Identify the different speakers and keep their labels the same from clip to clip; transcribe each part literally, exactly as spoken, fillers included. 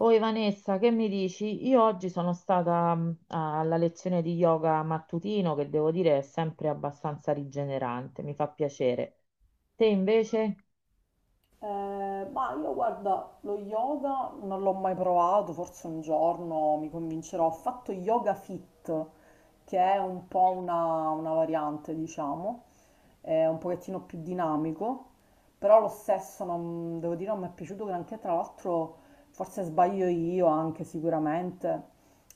Speaker 1: Oi Vanessa, che mi dici? Io oggi sono stata mh, alla lezione di yoga mattutino che devo dire è sempre abbastanza rigenerante, mi fa piacere. Te invece?
Speaker 2: Eh, ma io guarda, lo yoga non l'ho mai provato, forse un giorno mi convincerò. Ho fatto yoga fit, che è un po' una, una variante, diciamo, è un pochettino più dinamico, però lo stesso non, devo dire non mi è piaciuto granché, tra l'altro forse sbaglio io anche sicuramente.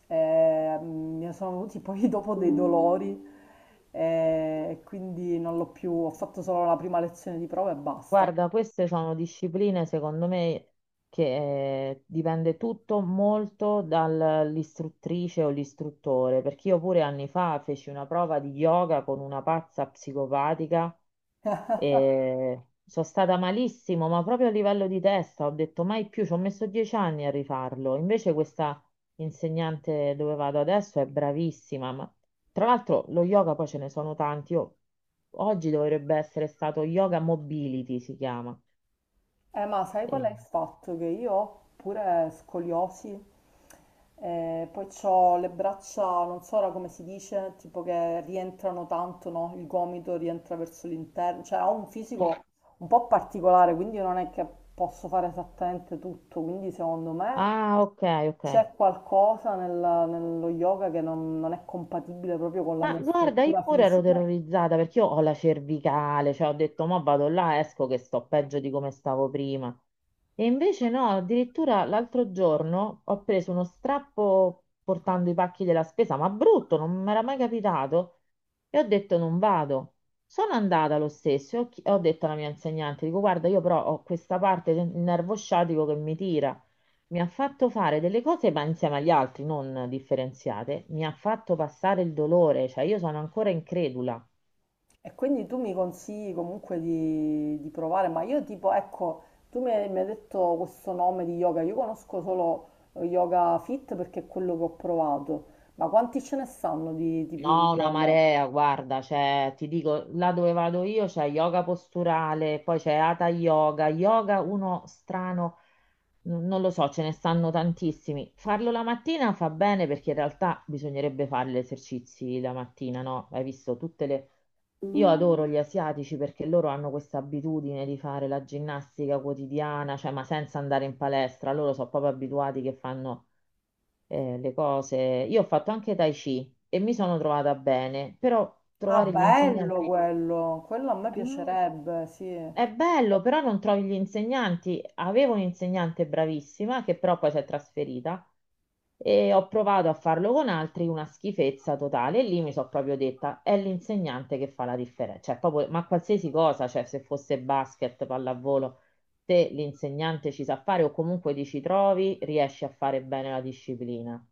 Speaker 2: Eh, mi sono venuti poi dopo dei dolori, eh, e quindi non l'ho più, ho fatto solo la prima lezione di prova e basta.
Speaker 1: Guarda, queste sono discipline secondo me che eh, dipende tutto molto dall'istruttrice o l'istruttore, perché io pure anni fa feci una prova di yoga con una pazza psicopatica. E sono stata malissimo, ma proprio a livello di testa ho detto mai più, ci ho messo dieci anni a rifarlo. Invece questa insegnante dove vado adesso è bravissima, ma tra l'altro lo yoga poi ce ne sono tanti. Io- oggi dovrebbe essere stato yoga mobility, si chiama.
Speaker 2: Eh, ma sai qual
Speaker 1: Eh,
Speaker 2: è il fatto? Che io ho pure scoliosi, eh, poi ho le braccia, non so ora come si dice, tipo che rientrano tanto, no? Il gomito rientra verso l'interno, cioè ho un fisico un po' particolare, quindi non è che posso fare esattamente tutto, quindi secondo me
Speaker 1: Ah, ok, ok.
Speaker 2: c'è qualcosa nel- nello yoga che non non è compatibile proprio con la
Speaker 1: Ma
Speaker 2: mia
Speaker 1: guarda, io
Speaker 2: struttura
Speaker 1: pure ero
Speaker 2: fisica.
Speaker 1: terrorizzata perché io ho la cervicale, cioè ho detto, ma vado là, esco che sto peggio di come stavo prima. E invece no, addirittura l'altro giorno ho preso uno strappo portando i pacchi della spesa, ma brutto, non mi era mai capitato. E ho detto non vado. Sono andata lo stesso, e ho, chi- ho detto alla mia insegnante, dico guarda, io però ho questa parte del nervo sciatico che mi tira. Mi ha fatto fare delle cose, ma insieme agli altri, non differenziate, mi ha fatto passare il dolore, cioè io sono ancora incredula.
Speaker 2: E quindi tu mi consigli comunque di, di provare, ma io tipo, ecco, tu mi hai, mi hai detto questo nome di yoga, io conosco solo eh, Yoga Fit perché è quello che ho provato, ma quanti ce ne sanno di tipi di
Speaker 1: No, una
Speaker 2: yoga?
Speaker 1: marea, guarda, cioè, ti dico, là dove vado io c'è yoga posturale, poi c'è Hatha Yoga, yoga uno strano, n- non lo so, ce ne stanno tantissimi. Farlo la mattina fa bene perché in realtà bisognerebbe fare gli esercizi la mattina, no? Hai visto tutte le... Io adoro gli asiatici perché loro hanno questa abitudine di fare la ginnastica quotidiana, cioè, ma senza andare in palestra, loro sono proprio abituati che fanno eh, le cose. Io ho fatto anche Tai Chi e mi sono trovata bene, però
Speaker 2: Ah,
Speaker 1: trovare gli
Speaker 2: bello
Speaker 1: insegnanti
Speaker 2: quello, quello a me
Speaker 1: mm,
Speaker 2: piacerebbe, sì.
Speaker 1: è bello, però non trovi gli insegnanti. Avevo un'insegnante bravissima che però poi si è trasferita e ho provato a farlo con altri, una schifezza totale. E lì mi sono proprio detta, è l'insegnante che fa la differenza, cioè proprio, ma qualsiasi cosa, cioè se fosse basket, pallavolo. Se l'insegnante ci sa fare o comunque ti ci trovi, riesci a fare bene la disciplina,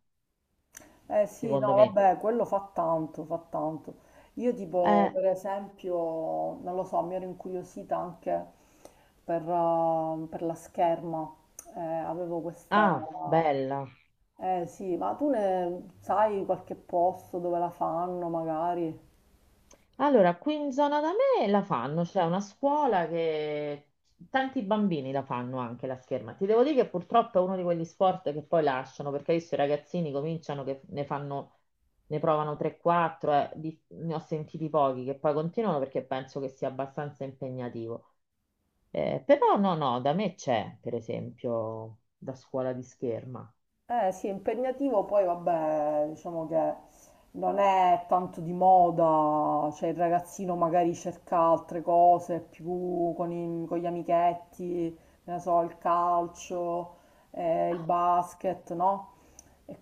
Speaker 2: Eh sì,
Speaker 1: secondo
Speaker 2: no,
Speaker 1: me.
Speaker 2: vabbè, quello fa tanto, fa tanto. Io tipo,
Speaker 1: Eh,
Speaker 2: per esempio, non lo so, mi ero incuriosita anche per, eh, per la scherma. Eh, avevo questa.
Speaker 1: ah, bella.
Speaker 2: Eh sì, ma tu ne sai qualche posto dove la fanno magari?
Speaker 1: Allora, qui in zona da me la fanno, c'è una scuola che tanti bambini la fanno anche la scherma. Ti devo dire che purtroppo è uno di quegli sport che poi lasciano, perché adesso i ragazzini cominciano che ne fanno, ne provano tre quattro, eh, di- ne ho sentiti pochi che poi continuano perché penso che sia abbastanza impegnativo. Eh, però no, no, da me c'è, per esempio, da scuola di scherma.
Speaker 2: Eh sì, è impegnativo, poi vabbè, diciamo che non è tanto di moda, cioè il ragazzino magari cerca altre cose più con, i- con gli amichetti, che ne so, il calcio, eh, il basket, no? E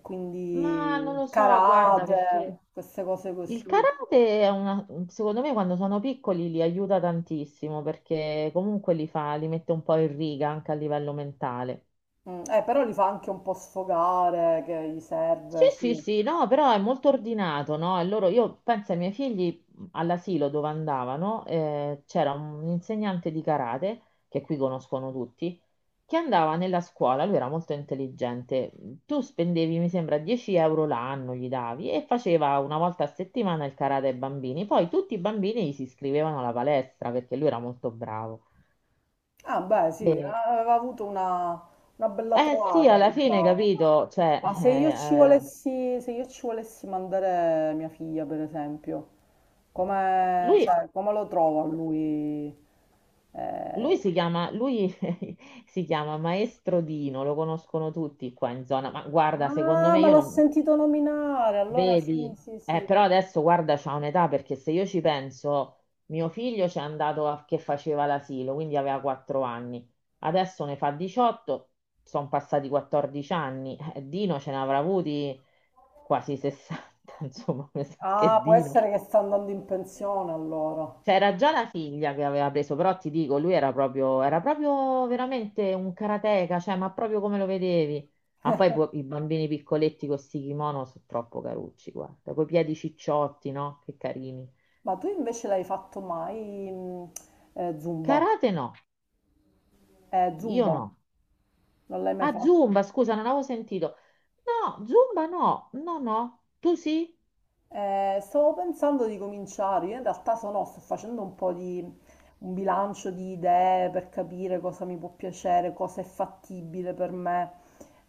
Speaker 1: Ma
Speaker 2: quindi
Speaker 1: non
Speaker 2: il
Speaker 1: lo so, guarda,
Speaker 2: karate,
Speaker 1: perché...
Speaker 2: queste cose
Speaker 1: Il
Speaker 2: così.
Speaker 1: karate è una, secondo me quando sono piccoli li aiuta tantissimo perché comunque li fa, li mette un po' in riga anche a livello mentale.
Speaker 2: Mm, eh, però li fa anche un po' sfogare, che gli
Speaker 1: Sì,
Speaker 2: serve,
Speaker 1: sì,
Speaker 2: sì.
Speaker 1: sì, no, però è molto ordinato, no? E loro, io penso ai miei figli mhmm, all'asilo dove andavano, eh, c'era un insegnante di karate, che qui conoscono tutti, che andava nella scuola, lui era molto intelligente, mhmm, tu spendevi, mi sembra, dieci euro l'anno, gli davi, e faceva una volta a settimana il karate ai bambini, poi tutti i bambini gli si iscrivevano alla palestra perché lui era molto bravo.
Speaker 2: Ah, beh, sì,
Speaker 1: E-
Speaker 2: aveva avuto una, una bella
Speaker 1: eh sì,
Speaker 2: trovata,
Speaker 1: alla fine,
Speaker 2: diciamo.
Speaker 1: capito, cioè,
Speaker 2: Ma
Speaker 1: eh,
Speaker 2: se io ci
Speaker 1: eh,
Speaker 2: volessi, se io ci volessi mandare mia figlia, per esempio, come,
Speaker 1: lui...
Speaker 2: cioè, come lo trovo a lui?
Speaker 1: Lui
Speaker 2: Eh,
Speaker 1: si chiama, lui si chiama Maestro Dino, lo conoscono tutti qua in zona, ma guarda, secondo
Speaker 2: Ah,
Speaker 1: me
Speaker 2: ma
Speaker 1: io
Speaker 2: l'ho
Speaker 1: non
Speaker 2: sentito nominare, allora sì,
Speaker 1: vedi,
Speaker 2: sì,
Speaker 1: eh,
Speaker 2: sì.
Speaker 1: però adesso guarda, c'ha un'età perché se io ci penso, mio figlio c'è andato a- che faceva l'asilo, quindi aveva quattro anni, adesso ne fa diciotto, sono passati quattordici anni, eh, Dino ce ne avrà avuti quasi sessanta, insomma, mi sa
Speaker 2: Ah,
Speaker 1: che
Speaker 2: può
Speaker 1: Dino.
Speaker 2: essere che sta andando in pensione allora.
Speaker 1: C'era già la figlia che aveva preso, però ti dico, lui era proprio, era proprio veramente un karateka, cioè, ma proprio come lo vedevi. Ma poi pu- i bambini piccoletti con sti kimono sono troppo carucci, guarda, coi piedi cicciotti, no? Che carini.
Speaker 2: Ma tu invece l'hai fatto mai, mh, eh, Zumba?
Speaker 1: Karate no,
Speaker 2: Eh,
Speaker 1: io no.
Speaker 2: Zumba, non l'hai mai
Speaker 1: Ah,
Speaker 2: fatto?
Speaker 1: Zumba, scusa, non avevo sentito. No, Zumba no, no, no. Tu sì?
Speaker 2: Eh, stavo pensando di cominciare, io in realtà sono, sto facendo un po' di un bilancio di idee per capire cosa mi può piacere, cosa è fattibile per me,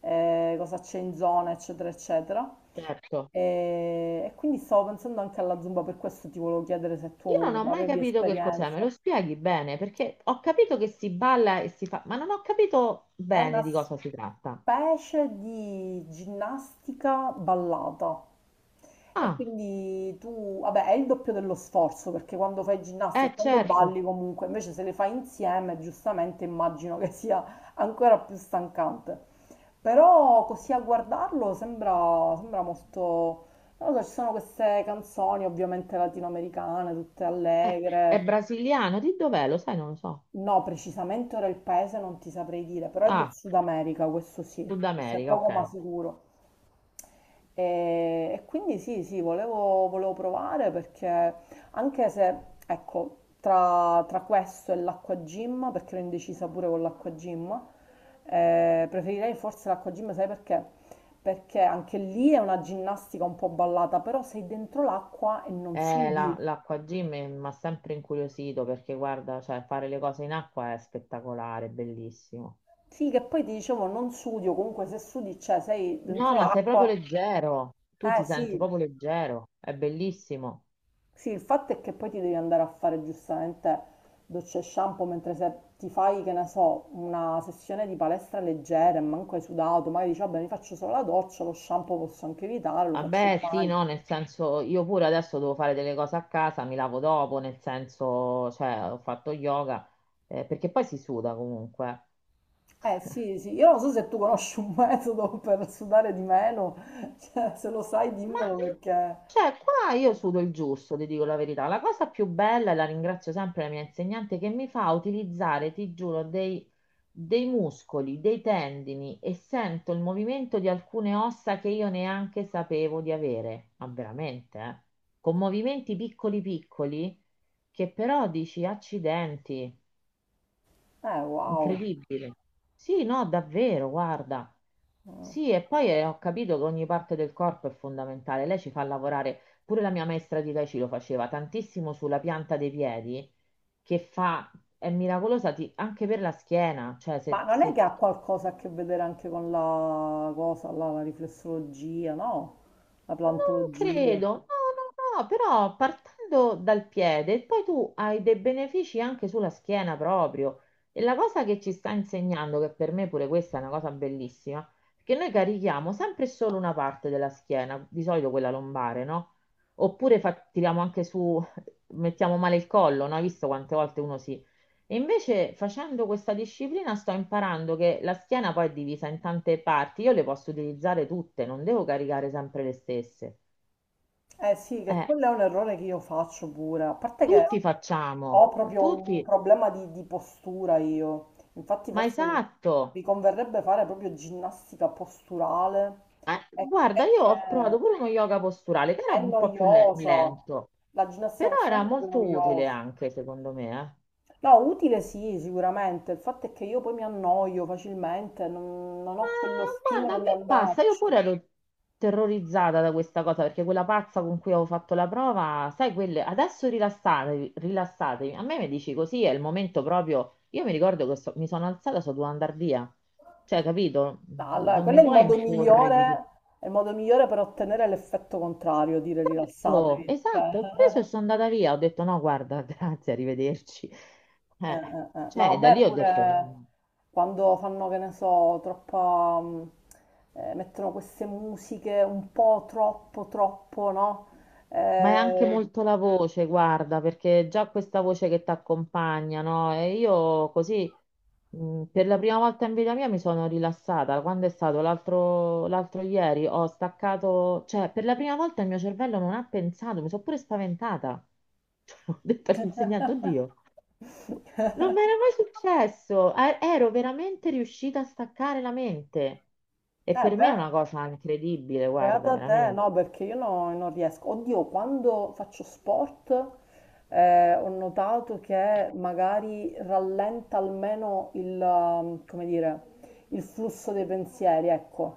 Speaker 2: eh, cosa c'è in zona, eccetera, eccetera.
Speaker 1: Certo.
Speaker 2: E, e quindi stavo pensando anche alla Zumba, per questo ti volevo chiedere se
Speaker 1: Io non
Speaker 2: tu
Speaker 1: ho mai
Speaker 2: avevi
Speaker 1: capito che cos'è, me
Speaker 2: esperienza.
Speaker 1: lo spieghi bene, perché ho capito che si balla e si fa, ma non ho capito
Speaker 2: È una
Speaker 1: bene di cosa si tratta.
Speaker 2: specie di ginnastica ballata. E
Speaker 1: Ah.
Speaker 2: quindi tu, vabbè, è il doppio dello sforzo perché quando fai ginnastica
Speaker 1: Eh,
Speaker 2: e quando
Speaker 1: certo.
Speaker 2: balli comunque, invece se le fai insieme, giustamente immagino che sia ancora più stancante. Però così a guardarlo sembra, sembra molto. Non lo so, ci sono queste canzoni ovviamente latinoamericane, tutte
Speaker 1: Eh, è
Speaker 2: allegre.
Speaker 1: brasiliano, di dov'è? Lo sai, non lo so.
Speaker 2: No, precisamente ora il paese non ti saprei dire, però è del
Speaker 1: Ah,
Speaker 2: Sud America, questo sì,
Speaker 1: Sud
Speaker 2: questo è
Speaker 1: America,
Speaker 2: poco
Speaker 1: ok.
Speaker 2: ma sicuro. E, e quindi sì, sì, volevo, volevo, provare perché anche se, ecco, tra, tra questo e l'acqua gym, perché ero indecisa pure con l'acqua gym, eh, preferirei forse l'acqua gym, sai perché? Perché anche lì è una ginnastica un po' ballata, però sei dentro l'acqua e non
Speaker 1: Eh,
Speaker 2: sudi.
Speaker 1: la- l'acqua gym mi ha sempre incuriosito perché guarda, cioè, fare le cose in acqua è spettacolare, è bellissimo.
Speaker 2: Sì, che poi ti dicevo non sudi, o comunque se sudi, cioè sei
Speaker 1: No,
Speaker 2: dentro
Speaker 1: ma sei proprio
Speaker 2: l'acqua.
Speaker 1: leggero, tu
Speaker 2: Eh
Speaker 1: ti
Speaker 2: sì,
Speaker 1: senti proprio leggero, è bellissimo.
Speaker 2: sì, il fatto è che poi ti devi andare a fare giustamente docce e shampoo mentre se ti fai, che ne so, una sessione di palestra leggera e manco hai sudato, magari dici, vabbè, mi faccio solo la doccia, lo shampoo posso anche evitare, lo faccio
Speaker 1: Vabbè, sì,
Speaker 2: domani.
Speaker 1: no, nel senso, io pure adesso devo fare delle cose a casa, mi lavo dopo, nel senso, cioè, ho fatto yoga, eh, perché poi si suda comunque.
Speaker 2: Eh sì, sì, io non so se tu conosci un metodo per sudare di meno, cioè, se lo sai
Speaker 1: Ma
Speaker 2: dimmelo perché.
Speaker 1: Cioè, qua io sudo il giusto, ti dico la verità. La cosa più bella, e la ringrazio sempre la mia insegnante, che mi fa utilizzare, ti giuro, dei, dei muscoli, dei tendini e sento il movimento di alcune ossa che io neanche sapevo di avere. Ma veramente, eh? Con movimenti piccoli piccoli che però dici accidenti.
Speaker 2: Eh, wow.
Speaker 1: Incredibile. Sì, no, davvero, guarda. Sì, e poi eh, ho capito che ogni parte del corpo è fondamentale. Lei ci fa lavorare, pure la mia maestra di Tai Chi lo faceva tantissimo sulla pianta dei piedi, che fa, è miracolosa ti- anche per la schiena, cioè
Speaker 2: Ma
Speaker 1: se,
Speaker 2: non è che
Speaker 1: se
Speaker 2: ha qualcosa a che vedere anche con la cosa, là, la riflessologia, no? La
Speaker 1: non
Speaker 2: plantologia.
Speaker 1: credo, no, no, no, però partendo dal piede, poi tu hai dei benefici anche sulla schiena proprio. E la cosa che ci sta insegnando, che per me pure questa è una cosa bellissima, che noi carichiamo sempre e solo una parte della schiena, di solito quella lombare, no? Oppure fa- tiriamo anche su, mettiamo male il collo, no? Hai visto quante volte uno si... E invece facendo questa disciplina sto imparando che la schiena poi è divisa in tante parti, io le posso utilizzare tutte, non devo caricare sempre le stesse.
Speaker 2: Eh sì, che
Speaker 1: Eh,
Speaker 2: quello è un errore che io faccio pure, a parte che
Speaker 1: tutti
Speaker 2: ho
Speaker 1: facciamo,
Speaker 2: proprio un
Speaker 1: tutti,
Speaker 2: problema di, di postura io, infatti
Speaker 1: ma
Speaker 2: forse mi, mi
Speaker 1: esatto.
Speaker 2: converrebbe fare proprio ginnastica posturale,
Speaker 1: Eh,
Speaker 2: è, è
Speaker 1: guarda, io
Speaker 2: che
Speaker 1: ho provato pure uno yoga posturale che era
Speaker 2: è
Speaker 1: un po' più le-
Speaker 2: noiosa,
Speaker 1: lento,
Speaker 2: la ginnastica
Speaker 1: però
Speaker 2: posturale
Speaker 1: era
Speaker 2: è proprio
Speaker 1: molto utile
Speaker 2: noiosa.
Speaker 1: anche, secondo me. eh.
Speaker 2: No, utile sì, sicuramente, il fatto è che io poi mi annoio facilmente, non, non ho quello
Speaker 1: Ma guarda,
Speaker 2: stimolo
Speaker 1: a
Speaker 2: di
Speaker 1: me passa, io
Speaker 2: andarci.
Speaker 1: pure ero terrorizzata da questa cosa perché quella pazza con cui avevo fatto la prova, sai, quelle adesso rilassatevi, rilassatevi. A me mi dici così, è il momento proprio. Io mi ricordo che so- mi sono alzata, so dovuta andare via. Cioè, capito?
Speaker 2: No, allora,
Speaker 1: Non
Speaker 2: quello
Speaker 1: mi
Speaker 2: è il
Speaker 1: puoi
Speaker 2: modo
Speaker 1: imporre
Speaker 2: migliore,
Speaker 1: di...
Speaker 2: è il modo migliore per ottenere l'effetto contrario, dire
Speaker 1: Esatto,
Speaker 2: rilassatevi. Cioè,
Speaker 1: esatto, ho preso e sono andata via, ho detto no, guarda, grazie, arrivederci.
Speaker 2: eh,
Speaker 1: Eh,
Speaker 2: eh, eh. No,
Speaker 1: cioè, da
Speaker 2: beh,
Speaker 1: lì ho detto no,
Speaker 2: pure
Speaker 1: no.
Speaker 2: quando fanno, che ne so, troppa, mm, eh, mettono queste musiche un po' troppo, troppo, no?
Speaker 1: Ma è
Speaker 2: Eh,
Speaker 1: anche molto la voce, guarda, perché già questa voce che ti accompagna, no? E io così, mh, per la prima volta in vita mia mi sono rilassata. Quando è stato l'altro l'altro ieri, ho staccato, cioè, per la prima volta il mio cervello non ha pensato, mi sono pure spaventata. Ho detto all'insegnante, oddio. Non mi era mai successo, e- ero veramente riuscita a staccare la mente. E
Speaker 2: eh,
Speaker 1: per me è
Speaker 2: beh,
Speaker 1: una cosa incredibile, guarda,
Speaker 2: beata te, no,
Speaker 1: veramente.
Speaker 2: perché io no- non riesco. Oddio, quando faccio sport, eh, ho notato che magari rallenta almeno il, um, come dire, il flusso dei pensieri, ecco.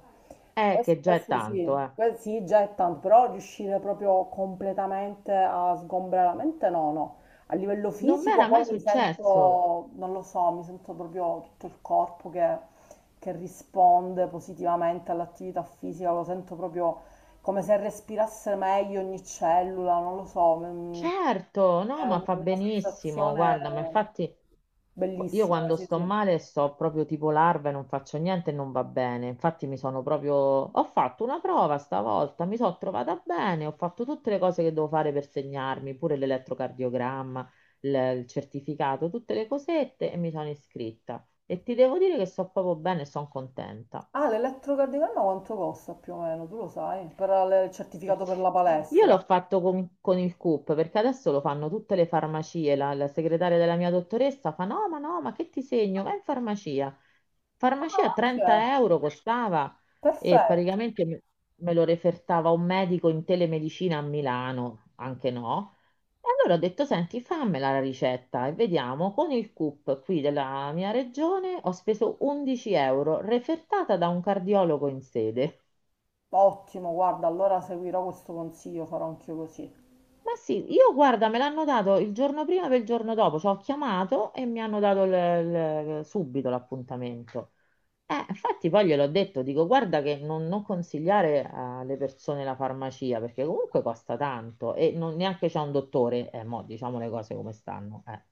Speaker 1: Eh, che
Speaker 2: Questo,
Speaker 1: già è
Speaker 2: questo
Speaker 1: tanto,
Speaker 2: sì,
Speaker 1: eh.
Speaker 2: que- sì, già è tanto, però riuscire proprio completamente a sgombrare la mente, no, no. A livello
Speaker 1: Non mi
Speaker 2: fisico
Speaker 1: era
Speaker 2: poi
Speaker 1: mai
Speaker 2: mi
Speaker 1: successo.
Speaker 2: sento, non lo so, mi sento proprio tutto il corpo che, che risponde positivamente all'attività fisica, lo sento proprio come se respirasse meglio ogni cellula, non lo so, mm,
Speaker 1: Certo,
Speaker 2: è
Speaker 1: no, ma fa
Speaker 2: una
Speaker 1: benissimo,
Speaker 2: sensazione
Speaker 1: guarda, ma infatti. Io
Speaker 2: bellissima,
Speaker 1: quando
Speaker 2: sì,
Speaker 1: sto
Speaker 2: sì.
Speaker 1: male sto proprio tipo larva e non faccio niente e non va bene. Infatti mi sono proprio... Ho fatto una prova stavolta, mi sono trovata bene, ho fatto tutte le cose che devo fare per segnarmi, pure l'elettrocardiogramma, il il certificato, tutte le cosette e mi sono iscritta. E ti devo dire che sto proprio bene e sono contenta.
Speaker 2: Ah, l'elettrocardiogramma quanto costa più o meno? Tu lo sai? Per il certificato per la
Speaker 1: Io
Speaker 2: palestra.
Speaker 1: l'ho fatto con, con il CUP perché adesso lo fanno tutte le farmacie. La, la segretaria della mia dottoressa fa: No, ma no, ma che ti segno? Vai in farmacia.
Speaker 2: Ah,
Speaker 1: Farmacia
Speaker 2: ok,
Speaker 1: trenta euro costava e
Speaker 2: perfetto.
Speaker 1: praticamente me me lo refertava un medico in telemedicina a Milano, anche no. E allora ho detto: Senti, fammela la ricetta e vediamo. Con il CUP qui della mia regione ho speso undici euro, refertata da un cardiologo in sede.
Speaker 2: Ottimo, guarda, allora seguirò questo consiglio, farò anch'io così.
Speaker 1: Ma sì, io guarda, me l'hanno dato il giorno prima per il giorno dopo, ci ho chiamato e mi hanno dato il- il- subito l'appuntamento. Eh, infatti poi gliel'ho detto, dico guarda che non, non consigliare alle persone la farmacia perché comunque costa tanto e non, neanche c'è un dottore, eh, mo, diciamo le cose come stanno. eh.